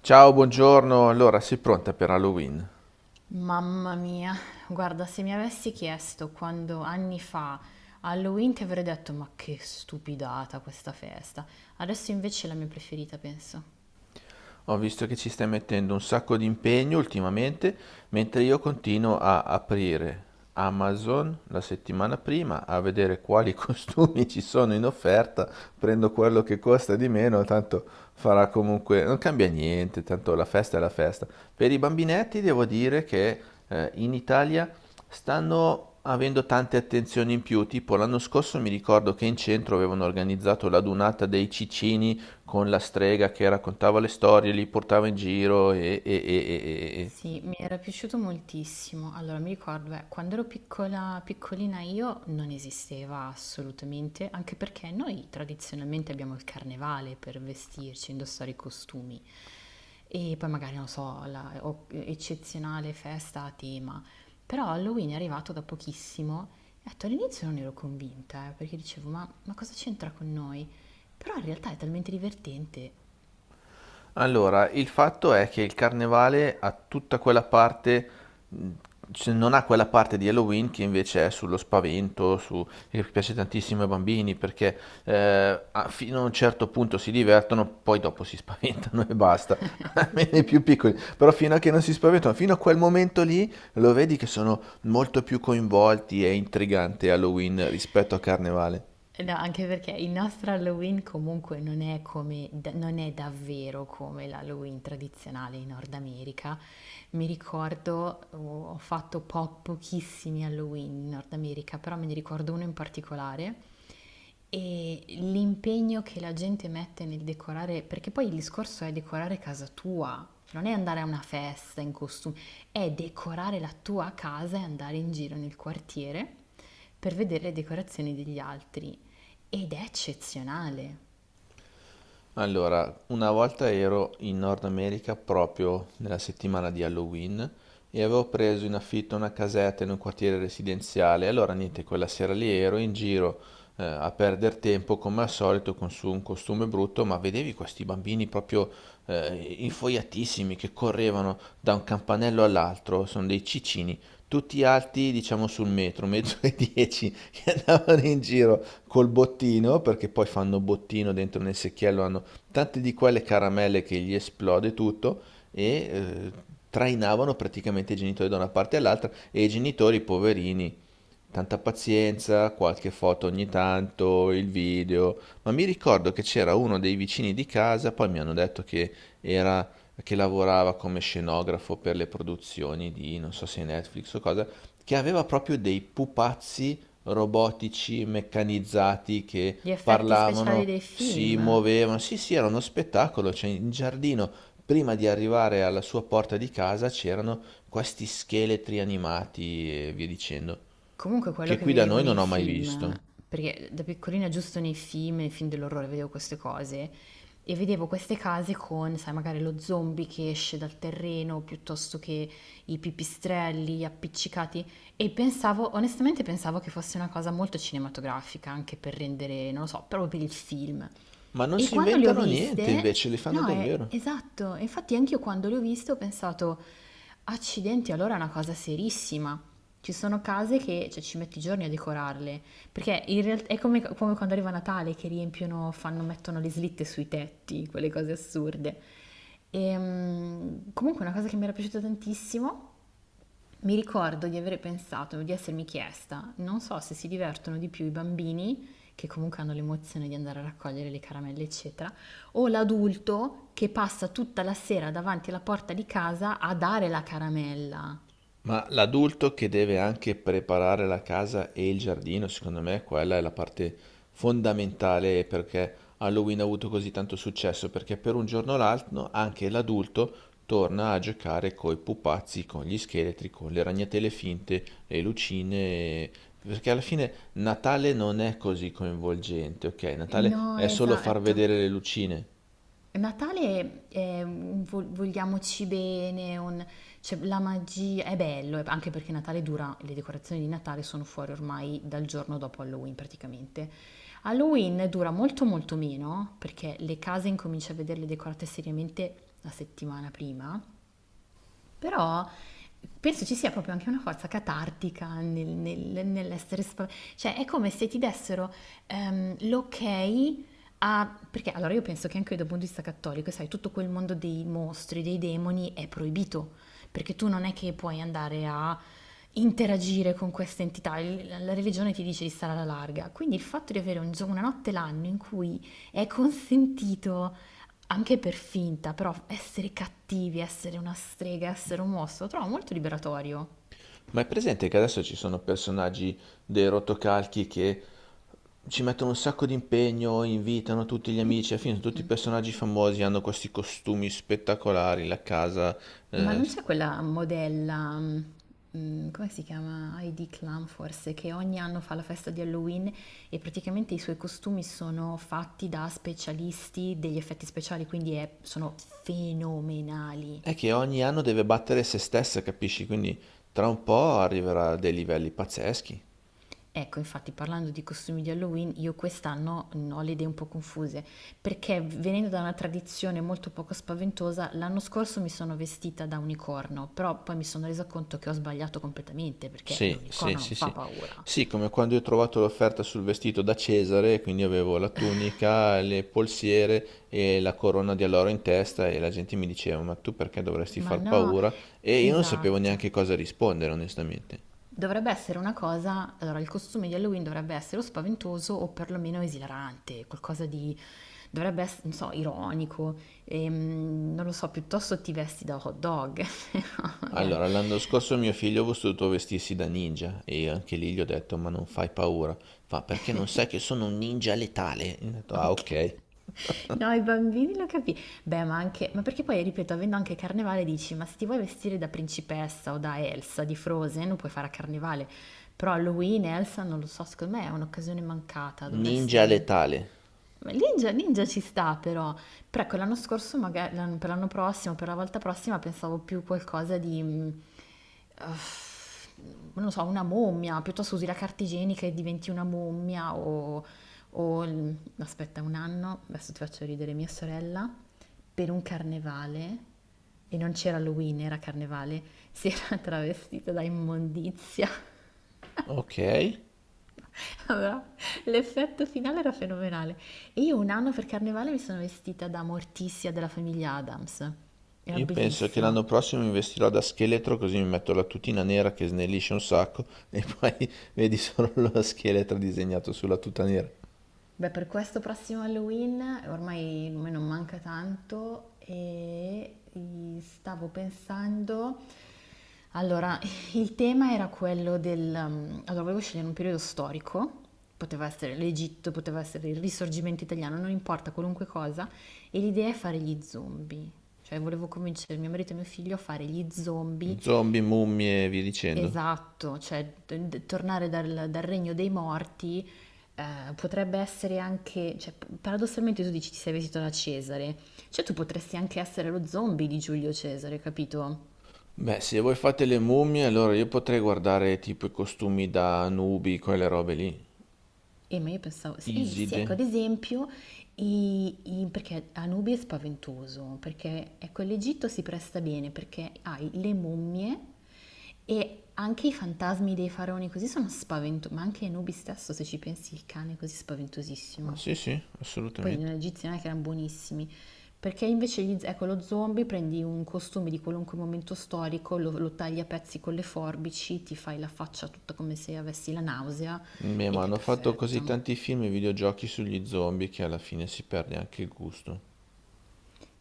Ciao, buongiorno. Allora, sei pronta per Halloween? Mamma mia, guarda, se mi avessi chiesto quando anni fa Halloween ti avrei detto ma che stupidata questa festa. Adesso invece è la mia preferita, penso. Ho visto che ci stai mettendo un sacco di impegno ultimamente, mentre io continuo a aprire Amazon la settimana prima a vedere quali costumi ci sono in offerta, prendo quello che costa di meno, tanto farà comunque, non cambia niente, tanto la festa è la festa. Per i bambinetti devo dire che in Italia stanno avendo tante attenzioni in più, tipo l'anno scorso mi ricordo che in centro avevano organizzato la dunata dei cicini con la strega che raccontava le storie, li portava in giro e. Sì, mi era piaciuto moltissimo. Allora, mi ricordo, quando ero piccola, piccolina io non esisteva assolutamente, anche perché noi tradizionalmente abbiamo il carnevale per vestirci, indossare i costumi. E poi magari, non so, eccezionale festa a tema. Però Halloween è arrivato da pochissimo. E detto, all'inizio non ero convinta, perché dicevo, ma cosa c'entra con noi? Però in realtà è talmente divertente. Allora, il fatto è che il carnevale ha tutta quella parte, mh, cioè non ha quella parte di Halloween che invece è sullo spavento, su, che piace tantissimo ai bambini perché fino a un certo punto si divertono, poi dopo si spaventano e basta, Sì, almeno i sì. più piccoli. Però fino a che non si spaventano, fino a quel momento lì lo vedi che sono molto più coinvolti, è intrigante Halloween rispetto a Carnevale. No, anche perché il nostro Halloween comunque non è come, non è davvero come l'Halloween tradizionale in Nord America. Mi ricordo, oh, ho fatto pochissimi Halloween in Nord America, però me ne ricordo uno in particolare e l'impegno che la gente mette nel decorare, perché poi il discorso è decorare casa tua, non è andare a una festa in costume, è decorare la tua casa e andare in giro nel quartiere per vedere le decorazioni degli altri. Ed è eccezionale. Allora, una volta ero in Nord America proprio nella settimana di Halloween e avevo preso in affitto una casetta in un quartiere residenziale. Allora, niente, quella sera lì ero in giro a perdere tempo come al solito con su un costume brutto, ma vedevi questi bambini proprio infoiatissimi che correvano da un campanello all'altro, sono dei cicini, tutti alti, diciamo sul metro, metro e dieci, che andavano in giro col bottino, perché poi fanno bottino dentro nel secchiello, hanno tante di quelle caramelle che gli esplode tutto e trainavano praticamente i genitori da una parte all'altra e i genitori poverini. Tanta pazienza, qualche foto ogni tanto, il video, ma mi ricordo che c'era uno dei vicini di casa, poi mi hanno detto che era che lavorava come scenografo per le produzioni di non so se Netflix o cosa, che aveva proprio dei pupazzi robotici meccanizzati che Gli effetti speciali parlavano, dei si film. muovevano. Sì, sì, era uno spettacolo, cioè in giardino prima di arrivare alla sua porta di casa c'erano questi scheletri animati e via dicendo Comunque quello che che qui da vedevo noi non nei ho mai film, visto. perché da piccolina giusto nei film dell'orrore vedevo queste cose e vedevo queste case con, sai, magari lo zombie che esce dal terreno piuttosto che i pipistrelli appiccicati e pensavo, onestamente pensavo che fosse una cosa molto cinematografica, anche per rendere, non lo so, proprio per il film. Ma non E si quando le ho inventano niente, viste, invece li fanno no, è davvero. esatto, infatti anch'io quando le ho viste ho pensato, accidenti, allora è una cosa serissima. Ci sono case che cioè, ci metti giorni a decorarle, perché in realtà è come quando arriva Natale che riempiono, fanno, mettono le slitte sui tetti, quelle cose assurde. E, comunque è una cosa che mi era piaciuta tantissimo, mi ricordo di aver pensato, di essermi chiesta, non so se si divertono di più i bambini, che comunque hanno l'emozione di andare a raccogliere le caramelle, eccetera, o l'adulto che passa tutta la sera davanti alla porta di casa a dare la caramella. Ma l'adulto che deve anche preparare la casa e il giardino, secondo me quella è la parte fondamentale perché Halloween ha avuto così tanto successo, perché per un giorno o l'altro anche l'adulto torna a giocare coi pupazzi, con gli scheletri, con le ragnatele finte, le lucine, e- perché alla fine Natale non è così coinvolgente, ok? Natale No, è solo far esatto. vedere le lucine. Natale è un vogliamoci bene, un- cioè, la magia è bello, anche perché Natale dura, le decorazioni di Natale sono fuori ormai dal giorno dopo Halloween praticamente. Halloween dura molto molto meno perché le case incominci a vederle decorate seriamente la settimana prima, però penso ci sia proprio anche una forza catartica nell'essere spaventati. Cioè, è come se ti dessero l'ok a... Perché allora io penso che anche dal punto di vista cattolico, sai, tutto quel mondo dei mostri, dei demoni è proibito, perché tu non è che puoi andare a interagire con queste entità. La religione ti dice di stare alla larga. Quindi il fatto di avere un una notte l'anno in cui è consentito anche per finta, però essere cattivi, essere una strega, essere un mostro, lo trovo molto liberatorio. Ma è presente che adesso ci sono personaggi dei rotocalchi che ci mettono un sacco di impegno, invitano tutti gli amici, alla fine sono tutti Mm. personaggi famosi, hanno questi costumi spettacolari, la casa, Ma eh, non c'è quella modella, come si chiama? Heidi Klum forse, che ogni anno fa la festa di Halloween e praticamente i suoi costumi sono fatti da specialisti degli effetti speciali, quindi sono fenomenali. è che ogni anno deve battere se stessa, capisci? Quindi tra un po' arriverà a dei livelli pazzeschi. Ecco, infatti parlando di costumi di Halloween, io quest'anno ho le idee un po' confuse, perché venendo da una tradizione molto poco spaventosa, l'anno scorso mi sono vestita da unicorno, però poi mi sono resa conto che ho sbagliato completamente, perché Sì, sì, l'unicorno non sì, fa sì. paura. Sì, come quando io ho trovato l'offerta sul vestito da Cesare, quindi avevo la tunica, le polsiere e la corona di alloro in testa e la gente mi diceva, ma tu perché dovresti Ma far no, paura? E io non sapevo esatto. neanche cosa rispondere, onestamente. Dovrebbe essere una cosa, allora il costume di Halloween dovrebbe essere o spaventoso o perlomeno esilarante, qualcosa di, dovrebbe essere, non so, ironico, non lo so, piuttosto ti vesti da hot dog, no, magari, Allora, l'anno scorso mio figlio ha voluto vestirsi da ninja e io anche lì gli ho detto, ma non fai paura. Fa, perché non sai che sono un ninja letale? E ho detto, ah, ok. ok. No, i bambini lo capì. Beh, ma anche, ma perché poi, ripeto, avendo anche Carnevale dici, ma se ti vuoi vestire da principessa o da Elsa di Frozen, lo puoi fare a Carnevale, però Halloween, Elsa, non lo so, secondo me è un'occasione mancata, dovresti... Ninja letale. Ma Ninja, Ninja ci sta però, però ecco, l'anno scorso, magari, per l'anno prossimo, per la volta prossima pensavo più qualcosa di, uff, non lo so, una mummia, piuttosto usi la carta igienica e diventi una mummia o, aspetta un anno, adesso ti faccio ridere mia sorella, per un carnevale, e non c'era Halloween, era carnevale, si era travestita da immondizia. Ok. Allora, l'effetto finale era fenomenale. E io un anno per carnevale mi sono vestita da Morticia della famiglia Adams. Era Io penso che bellissima. l'anno prossimo mi vestirò da scheletro così mi metto la tutina nera che snellisce un sacco e poi vedi solo lo scheletro disegnato sulla tuta nera. Beh, per questo prossimo Halloween ormai me non manca tanto e stavo pensando, allora, il tema era quello del... allora, volevo scegliere un periodo storico, poteva essere l'Egitto, poteva essere il Risorgimento italiano, non importa, qualunque cosa, e l'idea è fare gli zombie. Cioè, volevo convincere mio marito e mio figlio a fare gli zombie. Zombie, mummie e via dicendo. Esatto, cioè tornare dal regno dei morti. Eh, potrebbe essere anche, cioè, paradossalmente tu dici ti sei vestito da Cesare, cioè tu potresti anche essere lo zombie di Giulio Cesare, capito? Beh, se voi fate le mummie, allora io potrei guardare tipo i costumi da nubi, quelle robe lì. E ma io pensavo, sì, sì, Iside. ecco, ad esempio, perché Anubi è spaventoso, perché ecco, l'Egitto si presta bene, perché hai le mummie e anche i fantasmi dei faraoni così sono spaventosi, ma anche Anubi stesso, se ci pensi, il cane è così Ah, spaventosissimo. sì, sì, Poi assolutamente. nella egiziana che erano buonissimi. Perché invece gli, ecco, lo zombie prendi un costume di qualunque momento storico, lo tagli a pezzi con le forbici, ti fai la faccia tutta come se avessi la nausea Beh, ma ed è hanno fatto così perfetto. tanti film e videogiochi sugli zombie che alla fine si perde anche il gusto.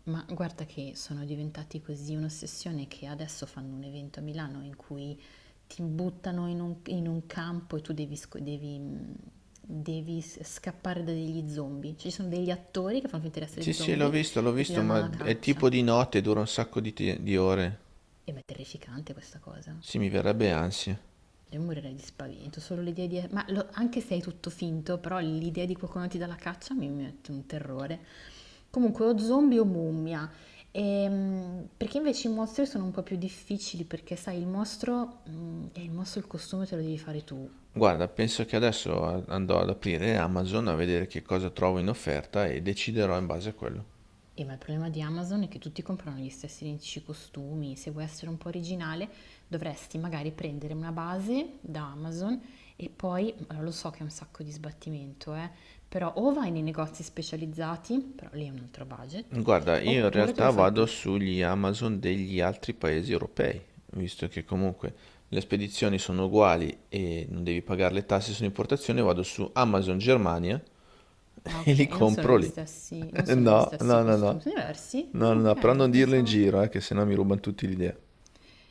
Ma guarda che sono diventati così un'ossessione che adesso fanno un evento a Milano in cui ti buttano in un campo e tu devi, scappare da degli zombie. Cioè, ci sono degli attori che fanno finta di Sì, essere sì, zombie l'ho e ti visto, danno ma la è caccia. tipo di notte, dura un sacco di di ore. E ma è terrificante questa cosa. Sì, mi verrebbe ansia. Io morirei di spavento, solo l'idea di... Ma anche se è tutto finto, però l'idea di qualcuno ti dà la caccia mi mette un terrore. Comunque, o zombie o mummia. Perché invece i mostri sono un po' più difficili, perché sai, il mostro il costume te lo devi fare tu. Guarda, penso che adesso andrò ad aprire Amazon a vedere che cosa trovo in offerta e deciderò in base a quello. Ma il problema di Amazon è che tutti comprano gli stessi identici costumi. Se vuoi essere un po' originale, dovresti magari prendere una base da Amazon e poi, allora, lo so che è un sacco di sbattimento, però o vai nei negozi specializzati, però lì è un altro budget, Guarda, io in oppure te lo realtà fai vado tu. sugli Amazon degli altri paesi europei, visto che comunque le spedizioni sono uguali e non devi pagare le tasse sull'importazione, vado su Amazon Germania. Ah, E ok, li e non sono compro gli lì. stessi, non sono gli No, stessi no, no, no. costumi, sono diversi? No, Ah, no, no, però ok, non dirlo in pensavo. giro, che sennò mi rubano tutti l'idea.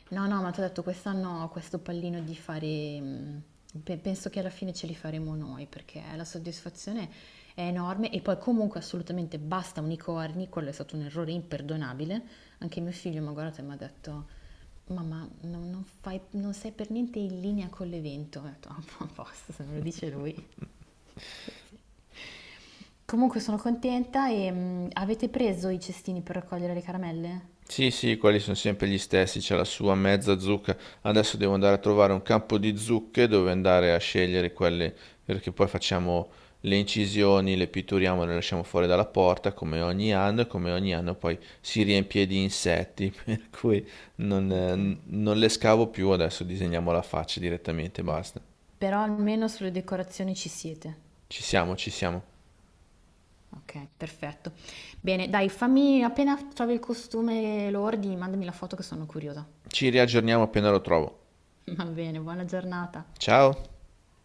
No, no, ma ti ho detto, quest'anno ho questo pallino di fare, penso che alla fine ce li faremo noi, perché la soddisfazione è enorme e poi comunque assolutamente basta unicorni, quello è stato un errore imperdonabile. Anche mio figlio mi ha guardato e mi ha detto, mamma, non non sei per niente in linea con l'evento. Ho detto, "Ah, a posto, se me lo dice lui." Così. Comunque sono contenta e avete preso i cestini per raccogliere le caramelle? Sì, sì, quelli sono sempre gli stessi, c'è la sua mezza zucca. Adesso devo andare a trovare un campo di zucche dove andare a scegliere quelle, perché poi facciamo le incisioni, le pitturiamo, e le lasciamo fuori dalla porta come ogni anno e come ogni anno poi si riempie di insetti, per cui non, Ok. eh, non le scavo più, adesso disegniamo la faccia direttamente, basta. Però almeno sulle decorazioni ci siete. Ci siamo, ci siamo. Okay, perfetto. Bene, dai, fammi appena trovi il costume e lo ordini, mandami la foto che sono curiosa. Ci riaggiorniamo appena lo trovo. Va bene, buona giornata. Ciao!